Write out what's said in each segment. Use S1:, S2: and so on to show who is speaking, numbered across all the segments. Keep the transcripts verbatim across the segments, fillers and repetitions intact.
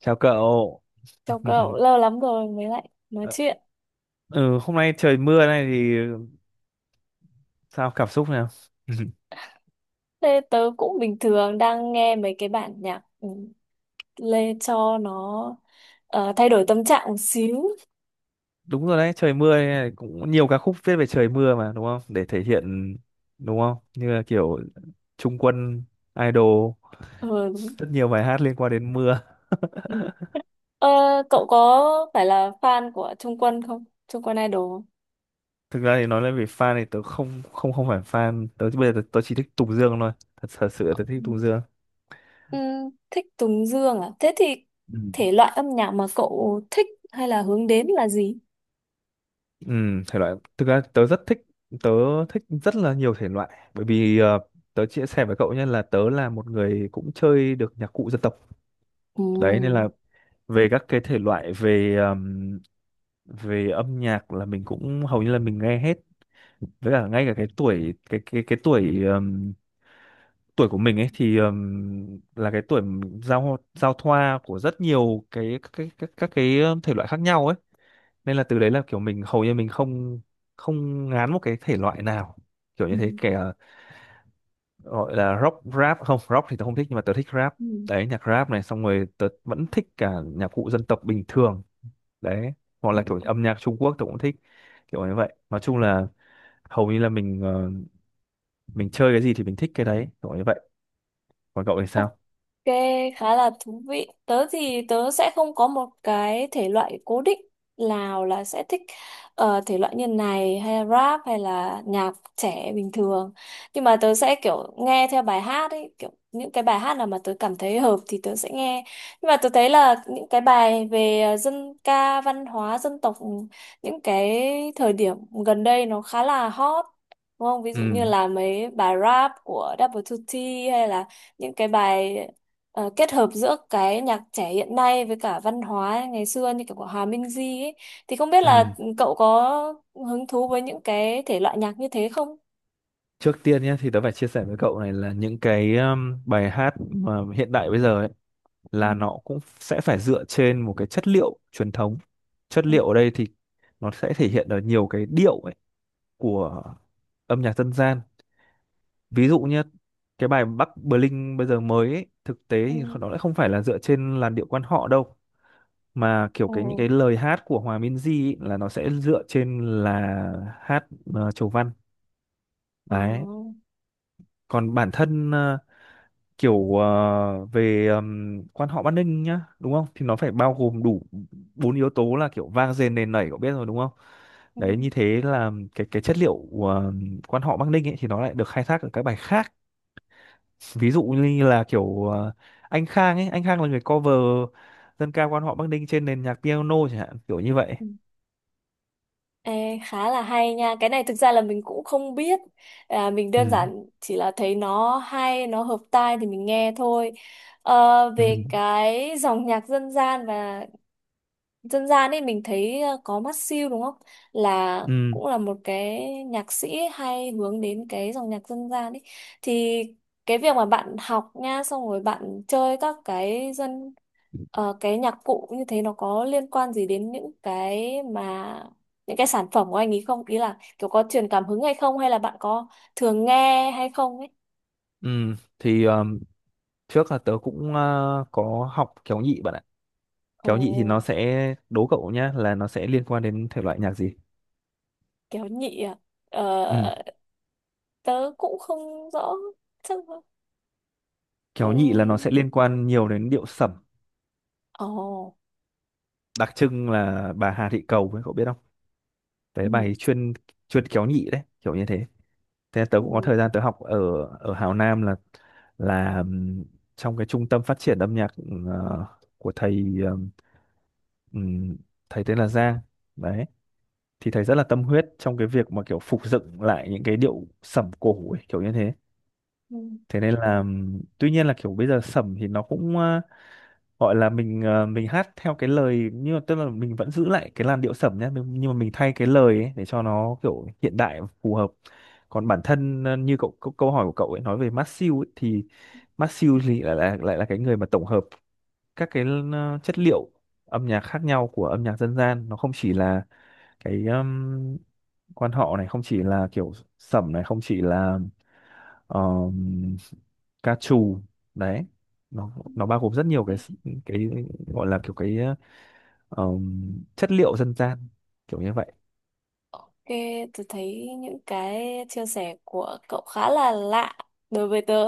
S1: Chào cậu.
S2: Chào cậu, lâu lắm rồi mới lại nói chuyện.
S1: Ừ, Hôm nay trời mưa này thì sao, cảm xúc nào?
S2: Thế tớ cũng bình thường đang nghe mấy cái bản nhạc, ừ, lê cho nó, ờ, thay đổi tâm trạng một xíu.
S1: Đúng rồi đấy, trời mưa này cũng nhiều ca khúc viết về trời mưa mà đúng không? Để thể hiện đúng không? Như là kiểu Trung Quân, Idol,
S2: Ừ, đúng.
S1: rất nhiều bài hát liên quan đến mưa.
S2: Ừ. Ờ, Cậu có phải là fan của Trung Quân không? Trung Quân Idol không?
S1: Thực ra thì nói lên về fan thì tớ không không không phải fan, tớ bây giờ tớ, tớ chỉ thích Tùng Dương thôi. Thật thật sự là tớ
S2: Ừ.
S1: thích Tùng Dương.
S2: Ừ, thích Tùng Dương à? Thế thì
S1: Ừ.
S2: thể loại âm nhạc mà cậu thích hay là hướng đến là gì?
S1: Ừ, thể loại thực ra tớ rất thích, tớ thích rất là nhiều thể loại, bởi vì ờ, tớ chia sẻ với cậu nhé, là tớ là một người cũng chơi được nhạc cụ dân tộc
S2: Ừ.
S1: đấy, nên là về các cái thể loại về ờm, về âm nhạc là mình cũng hầu như là mình nghe hết. Với cả ngay cả cái tuổi cái cái cái tuổi ờm, tuổi của mình ấy thì ờm, là cái tuổi giao giao thoa của rất nhiều cái các cái các, các cái thể loại khác nhau ấy, nên là từ đấy là kiểu mình hầu như mình không không ngán một cái thể loại nào kiểu như
S2: Ừ.
S1: thế, kể là gọi là rock rap không rock thì tớ không thích, nhưng mà tớ thích rap, đấy nhạc rap này, xong rồi tớ vẫn thích cả nhạc cụ dân tộc bình thường đấy, hoặc là kiểu âm nhạc Trung Quốc tớ cũng thích kiểu như vậy. Nói chung là hầu như là mình ờ, mình chơi cái gì thì mình thích cái đấy kiểu như vậy. Còn cậu thì
S2: Ừ.
S1: sao?
S2: Ok, khá là thú vị. Tớ thì tớ sẽ không có một cái thể loại cố định nào là sẽ thích, ờ, thể loại như này hay rap hay là nhạc trẻ bình thường. Nhưng mà tớ sẽ kiểu nghe theo bài hát ấy, kiểu những cái bài hát nào mà tớ cảm thấy hợp thì tớ sẽ nghe. Nhưng mà tớ thấy là những cái bài về ờ, dân ca, văn hóa, dân tộc những cái thời điểm gần đây nó khá là hot. Đúng không? Ví dụ như
S1: Ừ.
S2: là mấy bài rap của Double hai ti, hay là những cái bài ờ, kết hợp giữa cái nhạc trẻ hiện nay với cả văn hóa ngày xưa như kiểu của Hòa Minh Di ấy, thì không biết là
S1: Ừ,
S2: cậu có hứng thú với những cái thể loại nhạc như thế không?
S1: trước tiên nhé thì tớ phải chia sẻ với cậu này là những cái um, bài hát mà hiện đại bây giờ ấy,
S2: Ừ.
S1: là nó cũng sẽ phải dựa trên một cái chất liệu truyền thống. Chất
S2: Ừ.
S1: liệu ở đây thì nó sẽ thể hiện ở nhiều cái điệu ấy của âm nhạc dân gian. Ví dụ như cái bài Bắc Bling bây giờ mới ấy, thực tế
S2: Ừ.
S1: thì nó lại không phải là dựa trên làn điệu quan họ đâu, mà kiểu
S2: Ồ.
S1: cái những cái lời hát của Hòa Minzy ấy, là nó sẽ dựa trên là hát ờ, chầu văn
S2: Ờ.
S1: đấy. Còn bản thân ờ, kiểu ờ, về ừm, quan họ Bắc Ninh nhá, đúng không, thì nó phải bao gồm đủ bốn yếu tố, là kiểu vang dền nền nảy, cậu biết rồi đúng không,
S2: Ừ.
S1: đấy, như thế là cái cái chất liệu ờ, quan họ Bắc Ninh ấy thì nó lại được khai thác ở các bài khác, ví dụ như là kiểu ờ, anh Khang ấy, anh Khang là người cover dân ca quan họ Bắc Ninh trên nền nhạc piano chẳng hạn, kiểu như vậy.
S2: Ừ. Ê, khá là hay nha. Cái này thực ra là mình cũng không biết. À, mình đơn
S1: Ừ.
S2: giản chỉ là thấy nó hay, nó hợp tai thì mình nghe thôi. Ờ,
S1: Ừ.
S2: về cái dòng nhạc dân gian và dân gian ấy mình thấy ờ, có mắt siêu đúng không, là
S1: Ừ.
S2: cũng là một cái nhạc sĩ hay hướng đến cái dòng nhạc dân gian ấy. Thì cái việc mà bạn học nha, xong rồi bạn chơi các cái dân ờ, cái nhạc cụ như thế, nó có liên quan gì đến những cái mà những cái sản phẩm của anh ấy không, ý là kiểu có truyền cảm hứng hay không, hay là bạn có thường nghe hay không ấy?
S1: Ừ thì ờm, trước là tớ cũng ờ, có học kéo nhị bạn ạ.
S2: Ồ,
S1: Kéo nhị thì nó sẽ, đố cậu nhá, là nó sẽ liên quan đến thể loại nhạc gì.
S2: kéo nhị à?
S1: Ừ.
S2: ờ, Tớ cũng không rõ, chắc
S1: Kéo nhị là nó
S2: ừm,
S1: sẽ liên quan nhiều đến điệu sẩm,
S2: ồ.
S1: đặc trưng là bà Hà Thị Cầu ấy cậu biết không, đấy
S2: Ừ.
S1: bà ấy chuyên, chuyên kéo nhị đấy kiểu như thế. Thế tớ
S2: Ừ.
S1: cũng có thời gian tớ học ở ở Hào Nam, là là ừm, trong cái trung tâm phát triển âm nhạc ừm, ờ, của thầy, ừm, ừm, thầy tên là Giang đấy. Thì thầy rất là tâm huyết trong cái việc mà kiểu phục dựng lại những cái điệu sẩm cổ ấy, kiểu như thế.
S2: Ừ.
S1: Thế nên là ừm, tuy nhiên là kiểu bây giờ sẩm thì nó cũng ờ, gọi là mình ờ, mình hát theo cái lời, nhưng mà tức là mình vẫn giữ lại cái làn điệu sẩm nhé, nhưng nhưng mà mình thay cái lời ấy để cho nó kiểu hiện đại và phù hợp. Còn bản thân ờ, như cậu, câu câu hỏi của cậu ấy nói về Masew ấy, thì Masew thì lại là lại là cái người mà tổng hợp các cái ờ, chất liệu âm nhạc khác nhau của âm nhạc dân gian. Nó không chỉ là cái um, quan họ này, không chỉ là kiểu sẩm này, không chỉ là um, ca trù đấy. nó nó bao gồm rất nhiều cái cái gọi là kiểu cái um, chất liệu dân gian kiểu như vậy.
S2: Ok, tôi thấy những cái chia sẻ của cậu khá là lạ đối với tớ.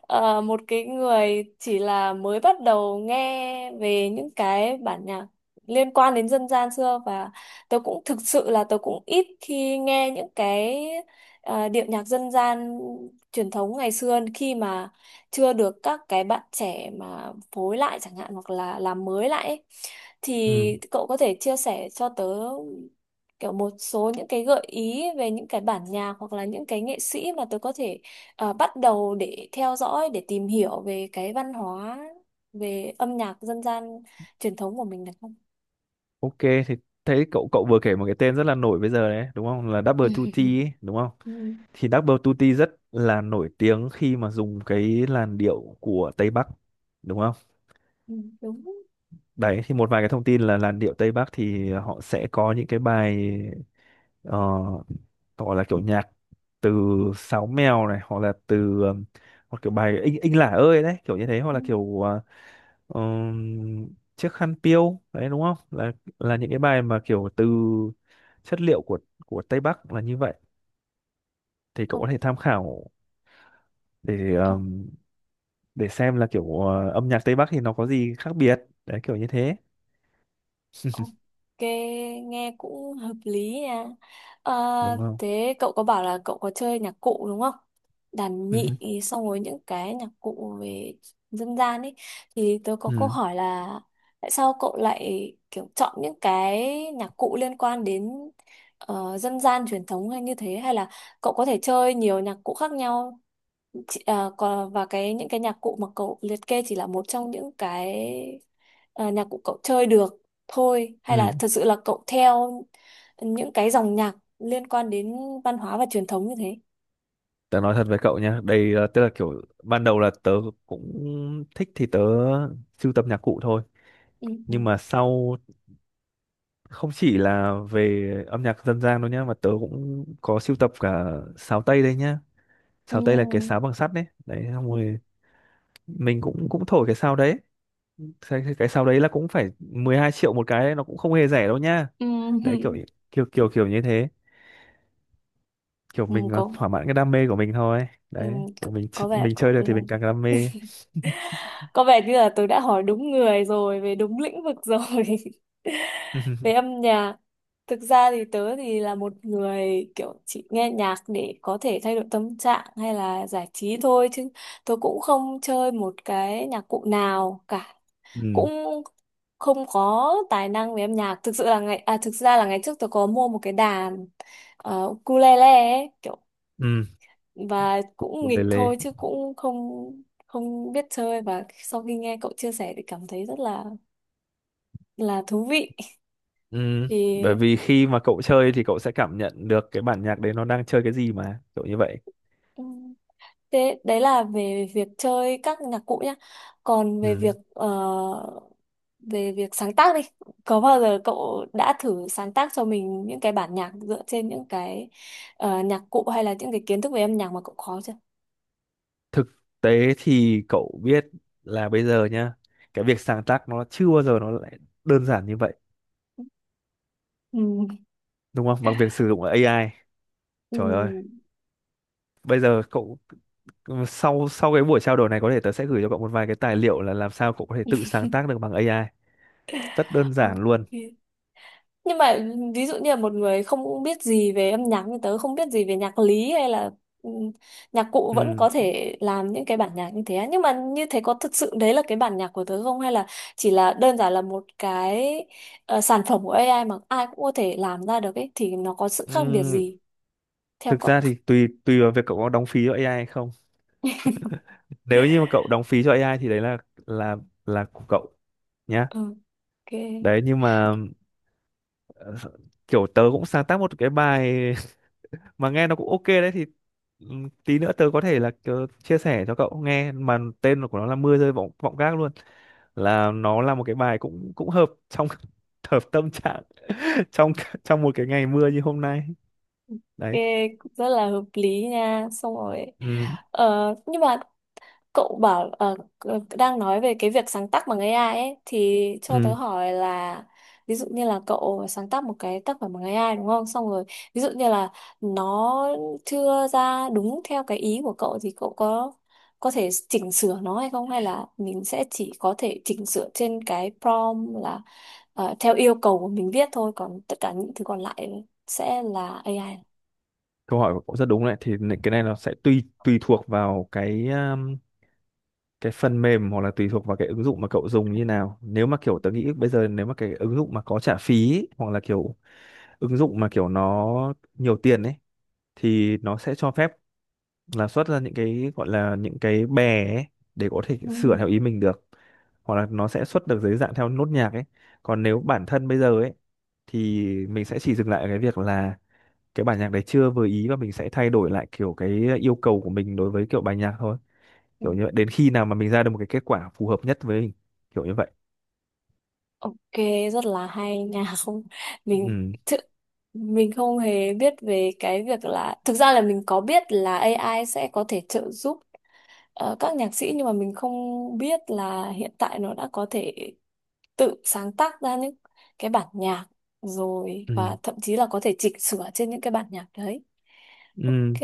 S2: Ờ, một cái người chỉ là mới bắt đầu nghe về những cái bản nhạc liên quan đến dân gian xưa, và tôi cũng thực sự là tôi cũng ít khi nghe những cái ờ, điệu nhạc dân gian truyền thống ngày xưa khi mà chưa được các cái bạn trẻ mà phối lại chẳng hạn, hoặc là làm mới lại ấy.
S1: Ừ.
S2: Thì cậu có thể chia sẻ cho tớ kiểu một số những cái gợi ý về những cái bản nhạc hoặc là những cái nghệ sĩ mà tớ có thể ờ, bắt đầu để theo dõi, để tìm hiểu về cái văn hóa, về âm nhạc dân gian truyền thống của mình được không?
S1: Ok thì thấy cậu, cậu vừa kể một cái tên rất là nổi bây giờ đấy đúng không, là Double hai tê ấy, đúng không,
S2: Ừ,
S1: thì Double Tutti rất là nổi tiếng khi mà dùng cái làn điệu của Tây Bắc đúng không?
S2: ừ, đúng.
S1: Đấy thì một vài cái thông tin là làn điệu Tây Bắc thì họ sẽ có những cái bài ờ, gọi là kiểu nhạc từ Sáo Mèo này, hoặc là từ ờ, hoặc kiểu bài Inh Inh Lả ơi đấy kiểu như thế, hoặc
S2: Ừ,
S1: là kiểu ờ, ừm, chiếc khăn piêu đấy đúng không? Là là những cái bài mà kiểu từ chất liệu của của Tây Bắc là như vậy. Thì cậu có thể tham khảo để
S2: ok.
S1: để xem là kiểu ờ, âm nhạc Tây Bắc thì nó có gì khác biệt đấy kiểu như thế.
S2: Ok, nghe cũng hợp lý nha. Ờ,
S1: Đúng không.
S2: thế cậu có bảo là cậu có chơi nhạc cụ đúng không? Đàn
S1: Ừ.
S2: nhị, xong rồi những cái nhạc cụ về dân gian ấy, thì tớ có câu
S1: Ừ.
S2: hỏi là tại sao cậu lại kiểu chọn những cái nhạc cụ liên quan đến ờ, dân gian truyền thống hay như thế, hay là cậu có thể chơi nhiều nhạc cụ khác nhau? Chị- ờ, còn và cái những cái nhạc cụ mà cậu liệt kê chỉ là một trong những cái ờ, nhạc cụ cậu chơi được thôi, hay là
S1: Ừ
S2: thật sự là cậu theo những cái dòng nhạc liên quan đến văn hóa và truyền thống như thế?
S1: tớ nói thật với cậu nha đây, là tức là kiểu ban đầu là tớ cũng thích thì tớ sưu tập nhạc cụ thôi,
S2: Ừ. Ừ.
S1: nhưng mà sau không chỉ là về âm nhạc dân gian đâu nhá, mà tớ cũng có sưu tập cả sáo tây đây nhá. Sáo tây là cái sáo bằng sắt đấy, đấy xong
S2: Ừ.
S1: rồi mình cũng cũng thổi cái sáo đấy. Cái, cái sáo đấy là cũng phải mười hai triệu một cái đấy, nó cũng không hề rẻ đâu nhá.
S2: Ừ.
S1: Đấy kiểu kiểu kiểu kiểu như thế, kiểu
S2: Ừ.
S1: mình ờ,
S2: Có,
S1: thỏa mãn cái đam mê của mình thôi
S2: ừ.
S1: đấy, kiểu
S2: có
S1: mình ch-
S2: có vẻ
S1: mình
S2: cậu,
S1: chơi được
S2: ừ,
S1: thì mình càng đam mê.
S2: có vẻ như là tôi đã hỏi đúng người rồi, về đúng lĩnh vực rồi. Về âm nhạc, thực ra thì tớ thì là một người kiểu chỉ nghe nhạc để có thể thay đổi tâm trạng hay là giải trí thôi, chứ tôi cũng không chơi một cái nhạc cụ nào cả,
S1: Ừ.
S2: cũng không có tài năng về âm nhạc. Thực sự là ngày à, thực ra là ngày trước tôi có mua một cái đàn ờ, ukulele ấy, kiểu,
S1: Ừ
S2: và cũng
S1: một lề
S2: nghịch
S1: lề.
S2: thôi chứ cũng không không biết chơi, và sau khi nghe cậu chia sẻ thì cảm thấy rất là là thú vị.
S1: Ừ
S2: Thì
S1: bởi vì khi mà cậu chơi thì cậu sẽ cảm nhận được cái bản nhạc đấy nó đang chơi cái gì mà kiểu như vậy.
S2: ừm, thế đấy là về việc chơi các nhạc cụ nhá, còn về
S1: Ừ
S2: việc ờ, về việc sáng tác đi, có bao giờ cậu đã thử sáng tác cho mình những cái bản nhạc dựa trên những cái ờ, nhạc cụ hay là những cái kiến thức về âm nhạc mà cậu có chưa?
S1: thực tế thì cậu biết là bây giờ nhá, cái việc sáng tác nó chưa bao giờ nó lại đơn giản như vậy,
S2: Ừ.
S1: đúng không, bằng việc sử dụng a i.
S2: Ừ.
S1: Trời ơi, bây giờ cậu, ừ, sau sau cái buổi trao đổi này có thể tớ sẽ gửi cho cậu một vài cái tài liệu, là làm sao cậu có thể tự sáng tác được bằng a i rất đơn
S2: Ok.
S1: giản luôn.
S2: Nhưng mà ví dụ như là một người không biết gì về âm nhạc như tớ, không biết gì về nhạc lý hay là ừ, nhạc cụ, vẫn
S1: Ừ.
S2: có thể làm những cái bản nhạc như thế á. Nhưng mà như thế có thực sự đấy là cái bản nhạc của tớ không, hay là chỉ là đơn giản là một cái ờ, sản phẩm của a i mà ai cũng có thể làm ra được ấy, thì nó có sự khác biệt
S1: Ừ.
S2: gì theo
S1: Thực
S2: cậu?
S1: ra thì tùy tùy vào việc cậu có đóng phí cho a i hay không. Nếu như mà cậu đóng phí cho a i thì đấy là là là của cậu nhá.
S2: Ừ. Ok.
S1: Đấy nhưng mà ờ, kiểu tớ cũng sáng tác một cái bài mà nghe nó cũng ok đấy, thì ừ, tí nữa tớ có thể là ờ, chia sẻ cho cậu nghe, mà tên của nó là mưa rơi vọng vọng gác luôn. Là nó là một cái bài cũng cũng hợp trong hợp tâm trạng trong trong một cái ngày mưa như hôm nay đấy.
S2: Ok, cũng rất là hợp lý nha. Xong rồi,
S1: Ừ.
S2: ờ, nhưng mà cậu bảo, ờ, đang nói về cái việc sáng tác bằng a i ấy, thì cho tớ
S1: Ừ.
S2: hỏi là ví dụ như là cậu sáng tác một cái tác phẩm bằng a i đúng không, xong rồi ví dụ như là nó chưa ra đúng theo cái ý của cậu, thì cậu có có thể chỉnh sửa nó hay không, hay là mình sẽ chỉ có thể chỉnh sửa trên cái prompt, là ờ, theo yêu cầu của mình viết thôi, còn tất cả những thứ còn lại sẽ là a i?
S1: Câu hỏi của cậu rất đúng đấy, thì n- cái này nó sẽ tùy tùy thuộc vào cái um, cái phần mềm, hoặc là tùy thuộc vào cái ứng dụng mà cậu dùng như nào. Nếu mà kiểu tớ nghĩ bây giờ nếu mà cái ứng dụng mà có trả phí ấy, hoặc là kiểu ứng dụng mà kiểu nó nhiều tiền ấy, thì nó sẽ cho phép là xuất ra những cái gọi là những cái bè ấy, để có thể
S2: Ừ.
S1: sửa theo ý mình được, hoặc là nó sẽ xuất được dưới dạng theo nốt nhạc ấy. Còn nếu bản thân bây giờ ấy thì mình sẽ chỉ dừng lại ở cái việc là cái bản nhạc đấy chưa vừa ý, và mình sẽ thay đổi lại kiểu cái yêu cầu của mình đối với kiểu bài nhạc thôi,
S2: Ừ.
S1: kiểu như vậy, đến khi nào mà mình ra được một cái kết quả phù hợp nhất với mình kiểu như vậy.
S2: Ok, rất là hay nha. Không, mình
S1: Ừ.
S2: thực mình không hề biết về cái việc là, thực ra là mình có biết là a i sẽ có thể trợ giúp ờ, các nhạc sĩ, nhưng mà mình không biết là hiện tại nó đã có thể tự sáng tác ra những cái bản nhạc rồi,
S1: Ừ.
S2: và thậm chí là có thể chỉnh sửa trên những cái bản nhạc đấy. Ok,
S1: Ừ.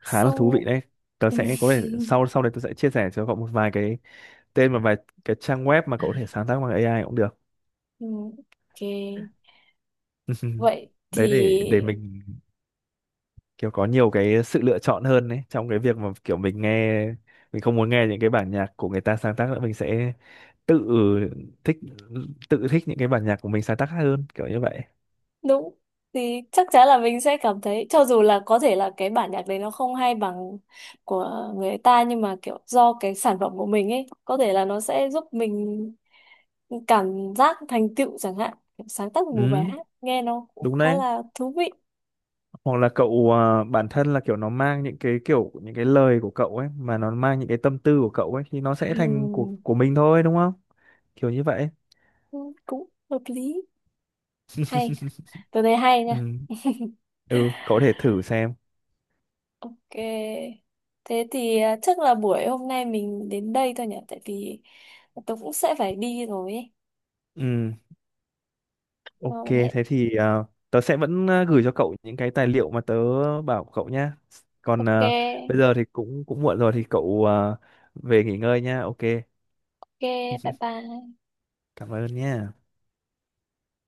S1: Khá là thú
S2: xong.
S1: vị đấy. Tớ sẽ có thể sau sau đây tôi sẽ chia sẻ cho cậu một vài cái tên và vài cái trang web mà cậu có thể sáng tác bằng a i cũng được.
S2: Ừ, ok. Vậy
S1: Đấy
S2: thì
S1: để để mình kiểu có nhiều cái sự lựa chọn hơn đấy, trong cái việc mà kiểu mình nghe, mình không muốn nghe những cái bản nhạc của người ta sáng tác nữa, mình sẽ tự thích, tự thích những cái bản nhạc của mình sáng tác hơn kiểu như vậy.
S2: đúng, thì chắc chắn là mình sẽ cảm thấy cho dù là có thể là cái bản nhạc đấy nó không hay bằng của người ta, nhưng mà kiểu do cái sản phẩm của mình ấy, có thể là nó sẽ giúp mình cảm giác thành tựu chẳng hạn. Sáng tác một bài
S1: Ừ
S2: hát nghe nó cũng
S1: đúng
S2: khá
S1: đấy,
S2: là thú vị.
S1: hoặc là cậu à, bản thân là kiểu nó mang những cái kiểu những cái lời của cậu ấy, mà nó mang những cái tâm tư của cậu ấy, thì nó sẽ thành của
S2: Ừm,
S1: của mình thôi đúng không, kiểu như vậy.
S2: cũng hợp lý. Hay, tôi thấy hay
S1: Ừ.
S2: nha.
S1: Ừ cậu có thể thử xem.
S2: Ok. Thế thì à, chắc là buổi hôm nay mình đến đây thôi nhỉ? Tại vì tôi cũng sẽ phải đi rồi ấy.
S1: Ừ.
S2: Ờ,
S1: Ok,
S2: hẹn.
S1: thế thì ờ, tớ sẽ vẫn ờ, gửi cho cậu những cái tài liệu mà tớ bảo cậu nhá. Còn
S2: Ok.
S1: ờ, bây giờ thì cũng cũng muộn rồi thì cậu ờ, về nghỉ ngơi nhá. Ok,
S2: Ok. Bye bye.
S1: cảm ơn nhá.